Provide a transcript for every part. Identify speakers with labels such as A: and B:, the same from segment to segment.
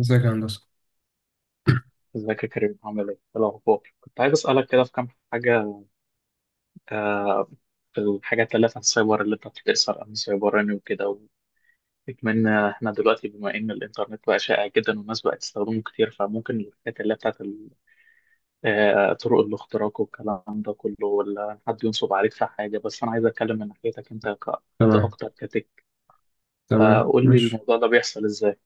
A: ازيك يا هندسة.
B: ازيك يا كريم عامل ايه؟ إيه الأخبار؟ كنت عايز أسألك كده في كام حاجة. آه، في الحاجات اللي في السايبر اللي أنت بتسأل عن السايبراني وكده. واتمنى إحنا دلوقتي بما إن الإنترنت بقى شائع جدا والناس بقت تستخدمه كتير، فممكن الحاجات اللي هي بتاعت طرق الاختراق والكلام ده كله، ولا حد ينصب عليك في حاجة. بس أنا عايز أتكلم من ناحيتك أنت كحد
A: تمام.
B: أكتر كتك.
A: تمام،
B: فقول لي
A: ماشي.
B: الموضوع ده بيحصل إزاي؟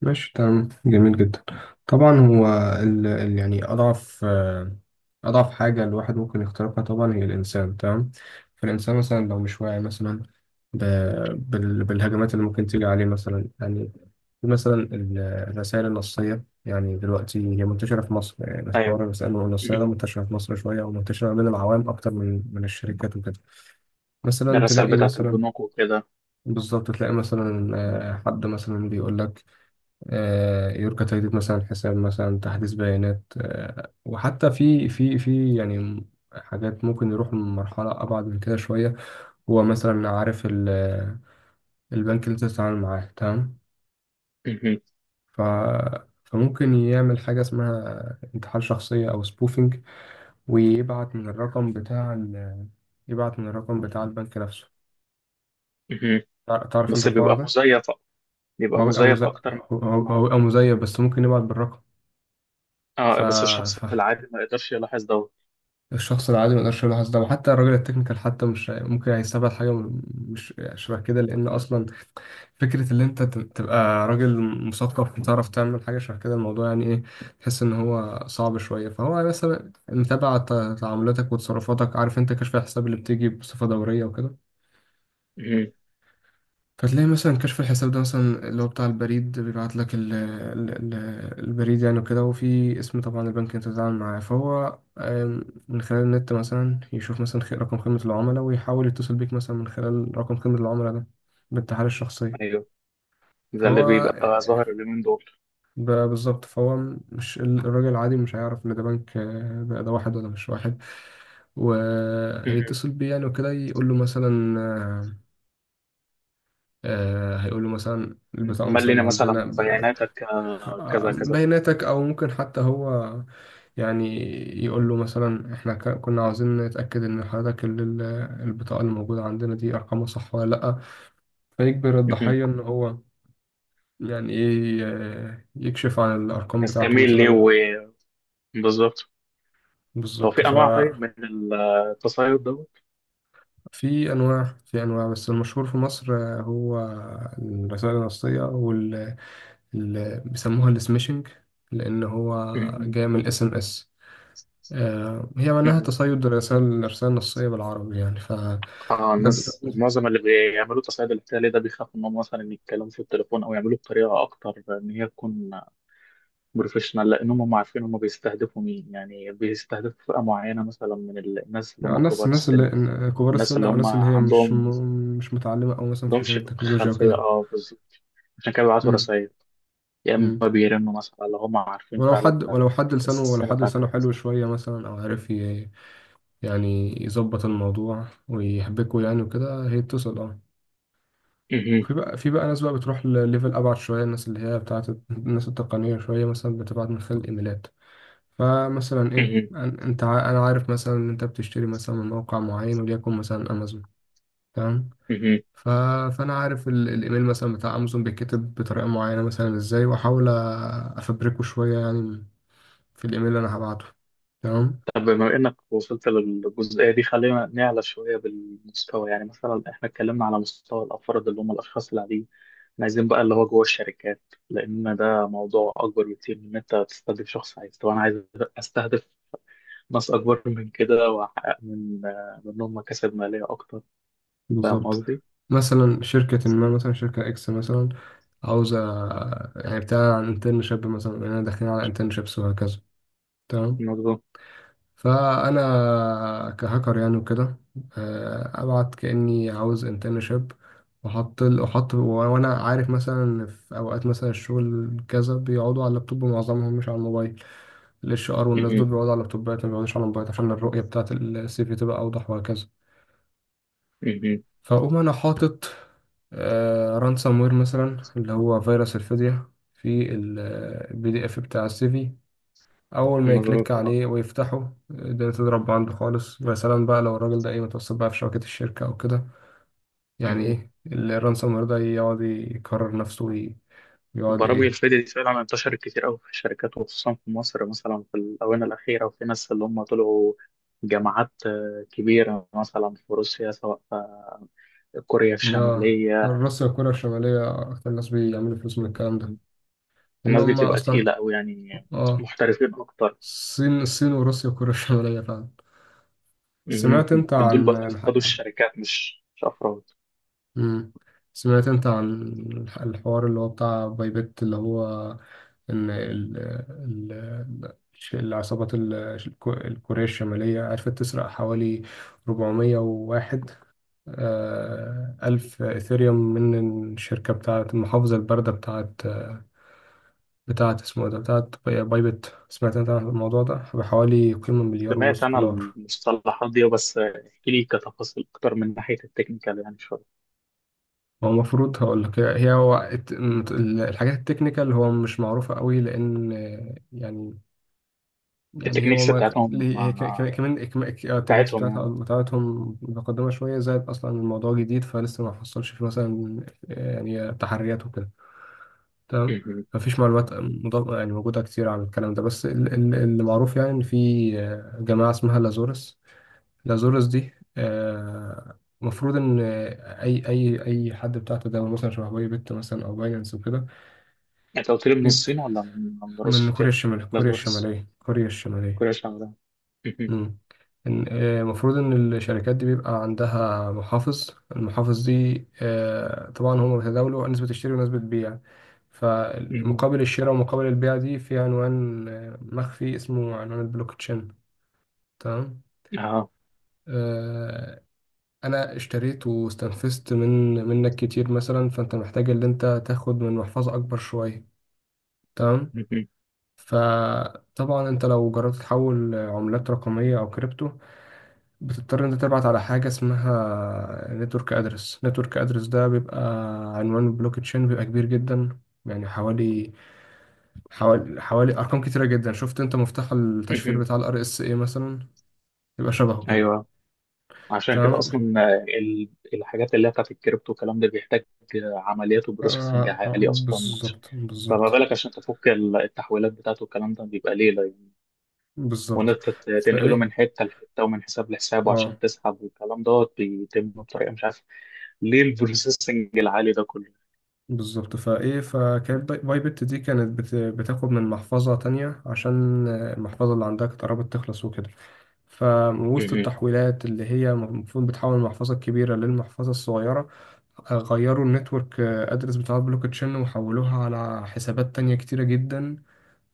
A: ماشي، تمام، جميل جدا. طبعا، هو يعني أضعف حاجة الواحد ممكن يخترقها. طبعا، هي الإنسان. تمام. فالإنسان مثلا لو مش واعي مثلا ب... بالهجمات اللي ممكن تيجي عليه، مثلا يعني مثلا الرسائل النصية. يعني دلوقتي هي منتشرة في مصر، يعني بس حوار
B: أيوه.
A: الرسائل
B: م-
A: النصية ده
B: م.
A: منتشرة في مصر شوية، ومنتشرة بين العوام أكتر من الشركات وكده. مثلا
B: الرسائل
A: تلاقي
B: بتاعت
A: مثلا
B: البنوك وكده.
A: بالظبط، تلاقي مثلا حد مثلا بيقول لك يرجى تجديد، مثلا، حساب، مثلا، تحديث بيانات، وحتى في يعني حاجات ممكن يروح لمرحلة أبعد من كده شوية. هو مثلا عارف البنك اللي أنت بتتعامل معاه، تمام.
B: م.
A: ف فممكن يعمل حاجة اسمها انتحال شخصية أو سبوفينج، ويبعت من الرقم بتاع ال- يبعت من الرقم بتاع البنك نفسه.
B: م.
A: تعرف أنت
B: بس
A: الحوار
B: بيبقى
A: ده؟
B: مزيف،
A: هو بيبقى مز-
B: اكتر من.
A: هو
B: إن
A: هو
B: هو-
A: بيبقى مزيف، بس ممكن يبعت بالرقم.
B: اه،
A: ف...
B: بس الشخص
A: ف...
B: العادي ما يقدرش يلاحظ دوت.
A: الشخص العادي ما يقدرش يلاحظ ده، وحتى الراجل التكنيكال حتى مش ممكن هيستبعد حاجة مش، يعني شبه كده، لأن أصلا فكرة إن أنت تبقى راجل مثقف وتعرف تعمل حاجة شبه كده، الموضوع يعني إيه، تحس إن هو صعب شوية. فهو مثلا متابع تعاملاتك وتصرفاتك، عارف أنت كشف الحساب اللي بتيجي بصفة دورية وكده.
B: مهم.
A: فتلاقي مثلا كشف الحساب ده، مثلا، اللي هو بتاع البريد، بيبعت لك ال ال ال البريد يعني وكده. وفي اسم طبعا البنك انت بتتعامل معاه، فهو من خلال النت مثلا يشوف مثلا رقم خدمة العملاء، ويحاول يتصل بيك مثلا من خلال رقم خدمة العملاء ده، بالتحاليل الشخصية.
B: ايوه، ده
A: فهو
B: اللي بيبقى ظاهر
A: آه،
B: اليومين دول.
A: بالظبط. فهو مش الراجل العادي مش هيعرف ان ده بنك، ده واحد ولا مش واحد،
B: مهم.
A: وهيتصل بيه، يعني وكده، يقول له مثلا، هيقول له مثلا البطاقة
B: ملينا
A: مثلا عندنا
B: مثلا بياناتك كذا كذا.
A: بياناتك، او ممكن حتى هو يعني يقول له مثلا احنا كنا عاوزين نتاكد ان حضرتك البطاقه اللي موجوده عندنا دي ارقامها صح ولا لا. فيجبر
B: مهم.
A: الضحيه ان هو يعني ايه، يكشف عن الارقام بتاعته
B: نستميل ليه.
A: مثلا.
B: بالظبط. هو
A: بالظبط.
B: في انواع
A: ففي
B: طيب من التصيد دوت.
A: انواع في انواع، بس المشهور في مصر هو الرسائل النصيه، بيسموها السميشنج، لان هو
B: مهم.
A: جاي من الاس ام اس. هي معناها
B: مهم.
A: تصيد الرسائل، الرسائل النصية بالعربي، يعني. ف ده-
B: اه،
A: ده-
B: الناس معظم اللي بيعملوا التصيد الاحتيالي ده بيخافوا انهم مثلا يتكلموا في التليفون او يعملوه بطريقه اكتر ان هي تكون بروفيشنال، لانهم هم عارفين هم بيستهدفوا مين، يعني بيستهدفوا فئه معينه مثلا من الناس اللي هم كبار
A: الناس
B: السن.
A: اللي كبار
B: الناس
A: السن
B: اللي
A: أو
B: هم
A: الناس اللي هي
B: عندهم
A: مش متعلمة، أو مثلا في حكاية
B: عندهمش
A: التكنولوجيا
B: خلفيه،
A: وكده.
B: اه، بالظبط. عشان كده بيبعتوا
A: مم،
B: رسائل، يا اما
A: مم.
B: بيرنوا مثلا اللي هم عارفين فعلا
A: ولو
B: السن
A: حد لسانه
B: بتاعكم.
A: حلو شوية، مثلا، أو عارف يعني يظبط الموضوع ويحبكه، يعني وكده، هي بتصل
B: مهم.
A: وفي بقى في بقى ناس بقى بتروح لليفل أبعد شوية، الناس اللي هي بتاعت الناس التقنية شوية، مثلا بتبعت من خلال الإيميلات. فمثلا، ايه،
B: مهم.
A: انا عارف مثلا ان انت بتشتري مثلا من موقع معين، وليكن مثلا امازون، تمام.
B: مهم.
A: ف... فانا عارف الايميل مثلا بتاع امازون بيتكتب بطريقه معينه مثلا، ازاي، واحاول افبركه شويه يعني، في الايميل اللي انا هبعته، تمام.
B: طب بما إنك وصلت للجزئية دي خلينا نعلى شوية بالمستوى. يعني مثلا إحنا اتكلمنا على مستوى الأفراد اللي هم الأشخاص العاديين. إحنا عايزين بقى اللي هو جوه الشركات، لأن ده موضوع أكبر بكتير من إن أنت تستهدف شخص. طب أنا عايز أستهدف ناس أكبر من كده وأحقق من منهم مكاسب مالية أكتر. فاهم
A: بالظبط.
B: قصدي؟
A: مثلا شركة ما، مثلا شركة إكس مثلا، عاوزة يعني بتاع عن انترنشيب، مثلا إننا داخلين على انترنشيبس وهكذا، تمام.
B: مظبوط.
A: فانا كهاكر يعني وكده ابعت كاني عاوز انترنشيب، واحط، وانا عارف مثلا في اوقات مثلا الشغل كذا بيقعدوا على اللابتوب، معظمهم مش على الموبايل. الاتش ار والناس دول
B: مهم.
A: بيقعدوا على اللابتوبات، ما بيقعدوش على الموبايل، عشان الرؤيه بتاعه السي في تبقى اوضح وهكذا.
B: مهم.
A: فاقوم انا حاطط رانسام وير، مثلا، اللي هو فيروس الفدية، في البي دي اف بتاع السيفي. اول ما
B: مظبوط.
A: يكليك عليه ويفتحه، الدنيا تضرب عنده خالص، ويا سلام بقى لو الراجل ده ايه، متوسط بقى في شبكة الشركة او كده، يعني
B: أه.
A: ايه الرانسوم وير ده يقعد يكرر نفسه ويقعد
B: برامج
A: ايه.
B: الفيديو دي فعلا انتشرت كتير قوي في الشركات، وخصوصا في مصر مثلا في الآونة الأخيرة، وفي ناس اللي هم طلعوا جامعات كبيرة مثلا في روسيا سواء في كوريا
A: اه.
B: الشمالية.
A: الروس وكوريا الشمالية اكتر ناس بيعملوا فلوس من الكلام ده، لان
B: الناس دي
A: هم
B: بتبقى
A: اصلا،
B: تقيلة قوي يعني،
A: اه،
B: محترفين أكتر.
A: الصين وروسيا وكوريا الشمالية فعلا.
B: مهم.
A: سمعت انت
B: دول
A: عن
B: بقى
A: الح...
B: بيصطادوا الشركات، مش أفراد.
A: مم. سمعت انت عن الحوار اللي هو بتاع بايبت، اللي هو ان العصابات الكورية الشمالية عرفت تسرق حوالي 401 ألف إثيريوم، من الشركة بتاعة المحافظة الباردة بتاعة اسمه ده، بتاعة بايبت. سمعت أنت عن الموضوع ده؟ بحوالي قيمة مليار
B: سمعت
A: ونص
B: أنا
A: دولار.
B: المصطلحات دي، بس احكي لي كتفاصيل أكتر من ناحية التكنيكال يعني شوية.
A: هو المفروض هقول لك، هي، هو الحاجات التكنيكال، هو مش معروفة قوي، لأن يعني، هو
B: التكنيكس
A: ما كان
B: بتاعتهم
A: ليه- هي ك-
B: آه،
A: ك- كمان التكنيكس
B: بتاعتهم يعني.
A: بتاعتهم متقدمة شوية، زائد أصلا الموضوع جديد، فلسه ما حصلش فيه مثلا يعني تحريات وكده، تمام. مفيش معلومات مضاد يعني موجودة كتير عن الكلام ده، بس اللي معروف يعني إن في جماعة اسمها لازورس. لازورس دي المفروض إن أي حد بتاع تداول مثلا شبه باي بت، مثلا، أو باينانس وكده.
B: يعني انت قلت لي من
A: بيب-
B: الصين ولا من
A: من كوريا
B: روسيا؟
A: الشمالية، كوريا
B: بازورس.
A: الشمالية، كوريا الشمالية.
B: كوريا الشمالية. مهم.
A: مم. المفروض ان الشركات دي بيبقى عندها محافظ. المحافظ دي طبعا هم بيتداولوا نسبة الشراء ونسبة البيع،
B: مهم.
A: فمقابل الشراء ومقابل البيع دي في عنوان مخفي، اسمه عنوان البلوك تشين، تمام.
B: اه.
A: آه، انا اشتريت واستنفذت من منك كتير، مثلا، فانت محتاج ان انت تاخد من محفظة اكبر شوية، تمام.
B: مهم.
A: فطبعا انت لو جربت تحول عملات رقمية او كريبتو، بتضطر انت تبعت على حاجة اسمها نتورك ادرس. نتورك ادرس ده بيبقى عنوان البلوك تشين، بيبقى كبير جدا، يعني حوالي، حوالي ارقام كتيرة جدا. شفت انت مفتاح التشفير
B: مهم.
A: بتاع الار اس اي، مثلا؟ يبقى شبهه كده،
B: ايوه، عشان كده اصلا
A: تمام.
B: ال- الحاجات اللي هي بتاعت الكريبتو والكلام ده بيحتاج عمليات وبروسيسنج
A: آه، آه،
B: عالي اصلا.
A: بالظبط
B: فما
A: بالظبط
B: بالك عشان تفك التحويلات بتاعته، والكلام ده بيبقى ليلة يعني. وان
A: بالظبط
B: انت تنقله
A: فايه
B: من حته لحته ومن حساب لحساب
A: اه
B: وعشان تسحب والكلام ده بيتم بطريقه مش عارف ليه البروسيسنج العالي ده كله.
A: بالظبط، فايه، فكانت بايبت دي كانت بتاخد من محفظة تانية، عشان المحفظة اللي عندها كانت قربت تخلص وكده، فوسط
B: مهم.
A: التحويلات اللي هي المفروض بتحول المحفظة الكبيرة للمحفظة الصغيرة، غيروا النتورك ادرس بتاع البلوك تشين، وحولوها على حسابات تانية كتيرة جدا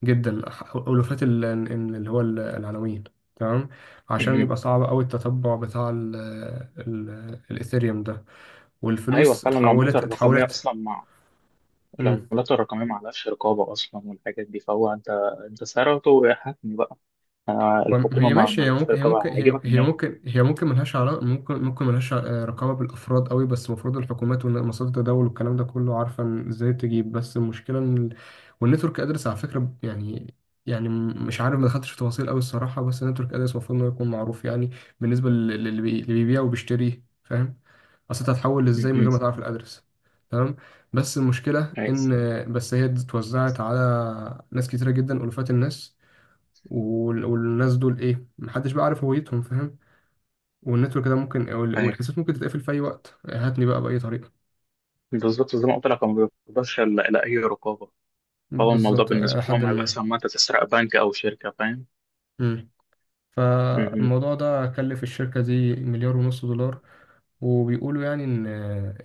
A: جدا، ألوفات العناوين، تمام، عشان
B: مهم.
A: يبقى صعب أوي التتبع بتاع ال ال الإيثيريوم ده،
B: ايوه،
A: والفلوس
B: فعلا العملات
A: اتحولت،
B: الرقميه
A: اتحولت.
B: اصلا العملات الرقمية ما عليهاش رقابة أصلا والحاجات دي، فهو أنت سعرته حتمي بقى. الحكومة
A: هي
B: ما
A: ماشي، هي
B: لهاش
A: ممكن هي ممكن
B: رقابة،
A: هي
B: هيجيبك
A: هي
B: منين؟
A: ممكن، ملهاش علاقة، ممكن ملهاش رقابة بالأفراد قوي، بس المفروض الحكومات ومنصات التداول والكلام ده كله عارفة إن ازاي تجيب. بس المشكلة ان والنتورك ادرس، على فكرة، يعني مش عارف، ما دخلتش في تفاصيل قوي الصراحة، بس النتورك ادرس المفروض انه يكون معروف يعني، بالنسبة اللي بيبيع وبيشتري، فاهم، اصل انت هتحول ازاي من
B: مهم.
A: غير ما تعرف الادرس، تمام. بس المشكلة
B: كويس.
A: ان، بس، هي اتوزعت على ناس كتيرة جدا، ألوفات الناس، والناس دول، ايه، محدش بقى عارف هويتهم، فاهم. والنتورك ده ممكن
B: أيوه،
A: والحساب ممكن تتقفل في اي وقت، هاتني بقى بأي طريقة.
B: بالظبط زي ما قلت لك، هو ما بيقدرش إلا أي رقابة. فهو الموضوع
A: بالظبط، إلى
B: بالنسبة
A: حد
B: لهم هيبقى
A: ما.
B: أحسن ما أنت تسرق بنك أو شركة، فاهم؟
A: مم.
B: مهم.
A: فالموضوع ده كلف الشركة دي مليار ونص دولار، وبيقولوا يعني إن،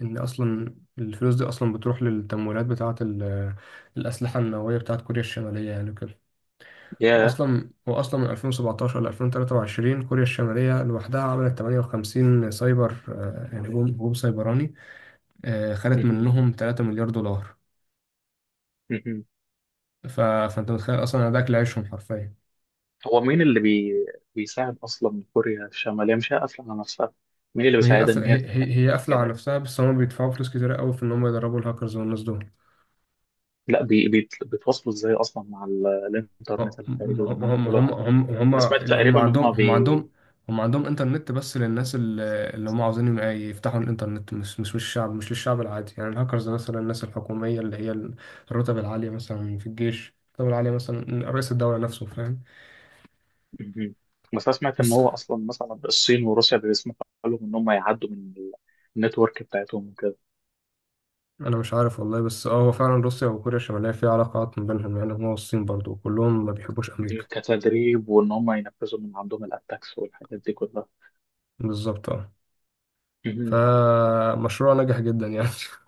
A: إن أصلا الفلوس دي أصلا بتروح للتمويلات بتاعة الأسلحة النووية بتاعة كوريا الشمالية، يعني كده.
B: ياه.
A: وأصلا من 2017 ل 2023 كوريا الشمالية لوحدها عملت 58 سايبر، يعني هجوم سيبراني، خدت
B: مهم.
A: منهم 3 مليار دولار.
B: مهم.
A: فانت متخيل اصلا ده اكل عيشهم حرفيا.
B: هو مين اللي بيساعد أصلا كوريا الشمالية، مش هي قافلة على نفسها؟ مين اللي بيساعدها إن هي تعمل
A: هي قافله
B: الجمال
A: على
B: دي؟
A: نفسها، بس هم بيدفعوا فلوس كتير قوي في ان هم يدربوا الهاكرز والناس دول.
B: لا، بيتواصلوا إزاي أصلا مع
A: ما
B: الإنترنت الخارجي وإن هم
A: ما
B: يعملوا؟ انا سمعت تقريبا ان هم بي
A: هم عندهم انترنت، بس للناس اللي، اللي هم عاوزين يبقى يفتحوا الانترنت، مش للشعب العادي، يعني الهاكرز ده، مثلا الناس الحكوميه اللي هي الرتب العاليه، مثلا في الجيش الرتب العاليه، مثلا رئيس الدوله نفسه، فاهم.
B: مهم. بس انا سمعت ان
A: بس
B: هو اصلا مثلا الصين وروسيا بيسمحوا لهم ان هم يعدوا من النتورك بتاعتهم وكده،
A: انا مش عارف والله، بس اه، هو فعلا روسيا وكوريا الشماليه في علاقات ما بينهم يعني، هما والصين برضو، وكلهم ما بيحبوش امريكا.
B: كتدريب وان هم ينفذوا من عندهم الاتاكس والحاجات دي كلها.
A: بالظبط، اه.
B: مهم.
A: فمشروع نجح جدا يعني.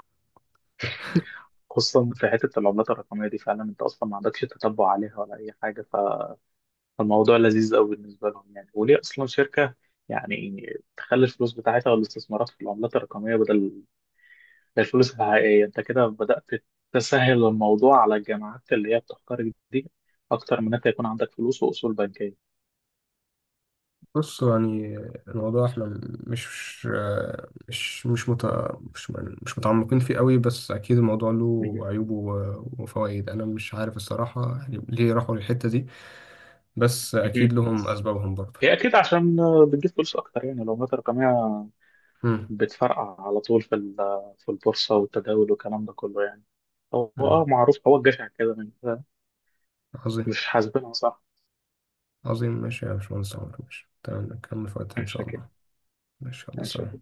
B: خصوصا في حته العملات الرقميه دي، فعلا انت اصلا ما عندكش تتبع عليها ولا اي حاجه، فالموضوع لذيذ قوي بالنسبه لهم يعني. وليه اصلا شركه يعني تخلي الفلوس بتاعتها والاستثمارات في العملات الرقميه بدل الفلوس الحقيقية؟ أنت كده بدأت تسهل الموضوع على الجامعات اللي هي بتختارك دي أكتر من أنت يكون عندك فلوس وأصول بنكية.
A: بص يعني، الموضوع احنا مش مش مش مت... مش مش متعمقين فيه قوي، بس اكيد الموضوع له
B: مهم.
A: عيوبه وفوائد، انا مش عارف الصراحه، يعني ليه راحوا للحته دي، بس
B: مهم.
A: اكيد لهم اسبابهم برضه.
B: هي أكيد عشان بتجيب فلوس أكتر، يعني لو مات رقمية
A: مم.
B: بتفرقع على طول في البورصة والتداول والكلام ده كله يعني. هو
A: مم.
B: معروف، هو الجشع كده من.
A: عظيم.
B: مش حاسبينها صح.
A: عظيم، ماشي يا باشمهندس عمر، ماشي، تمام، نكمل في وقتها ان
B: مش
A: شاء
B: شاكين.
A: الله. ماشي، الله.
B: مش
A: سلام.
B: شاكين.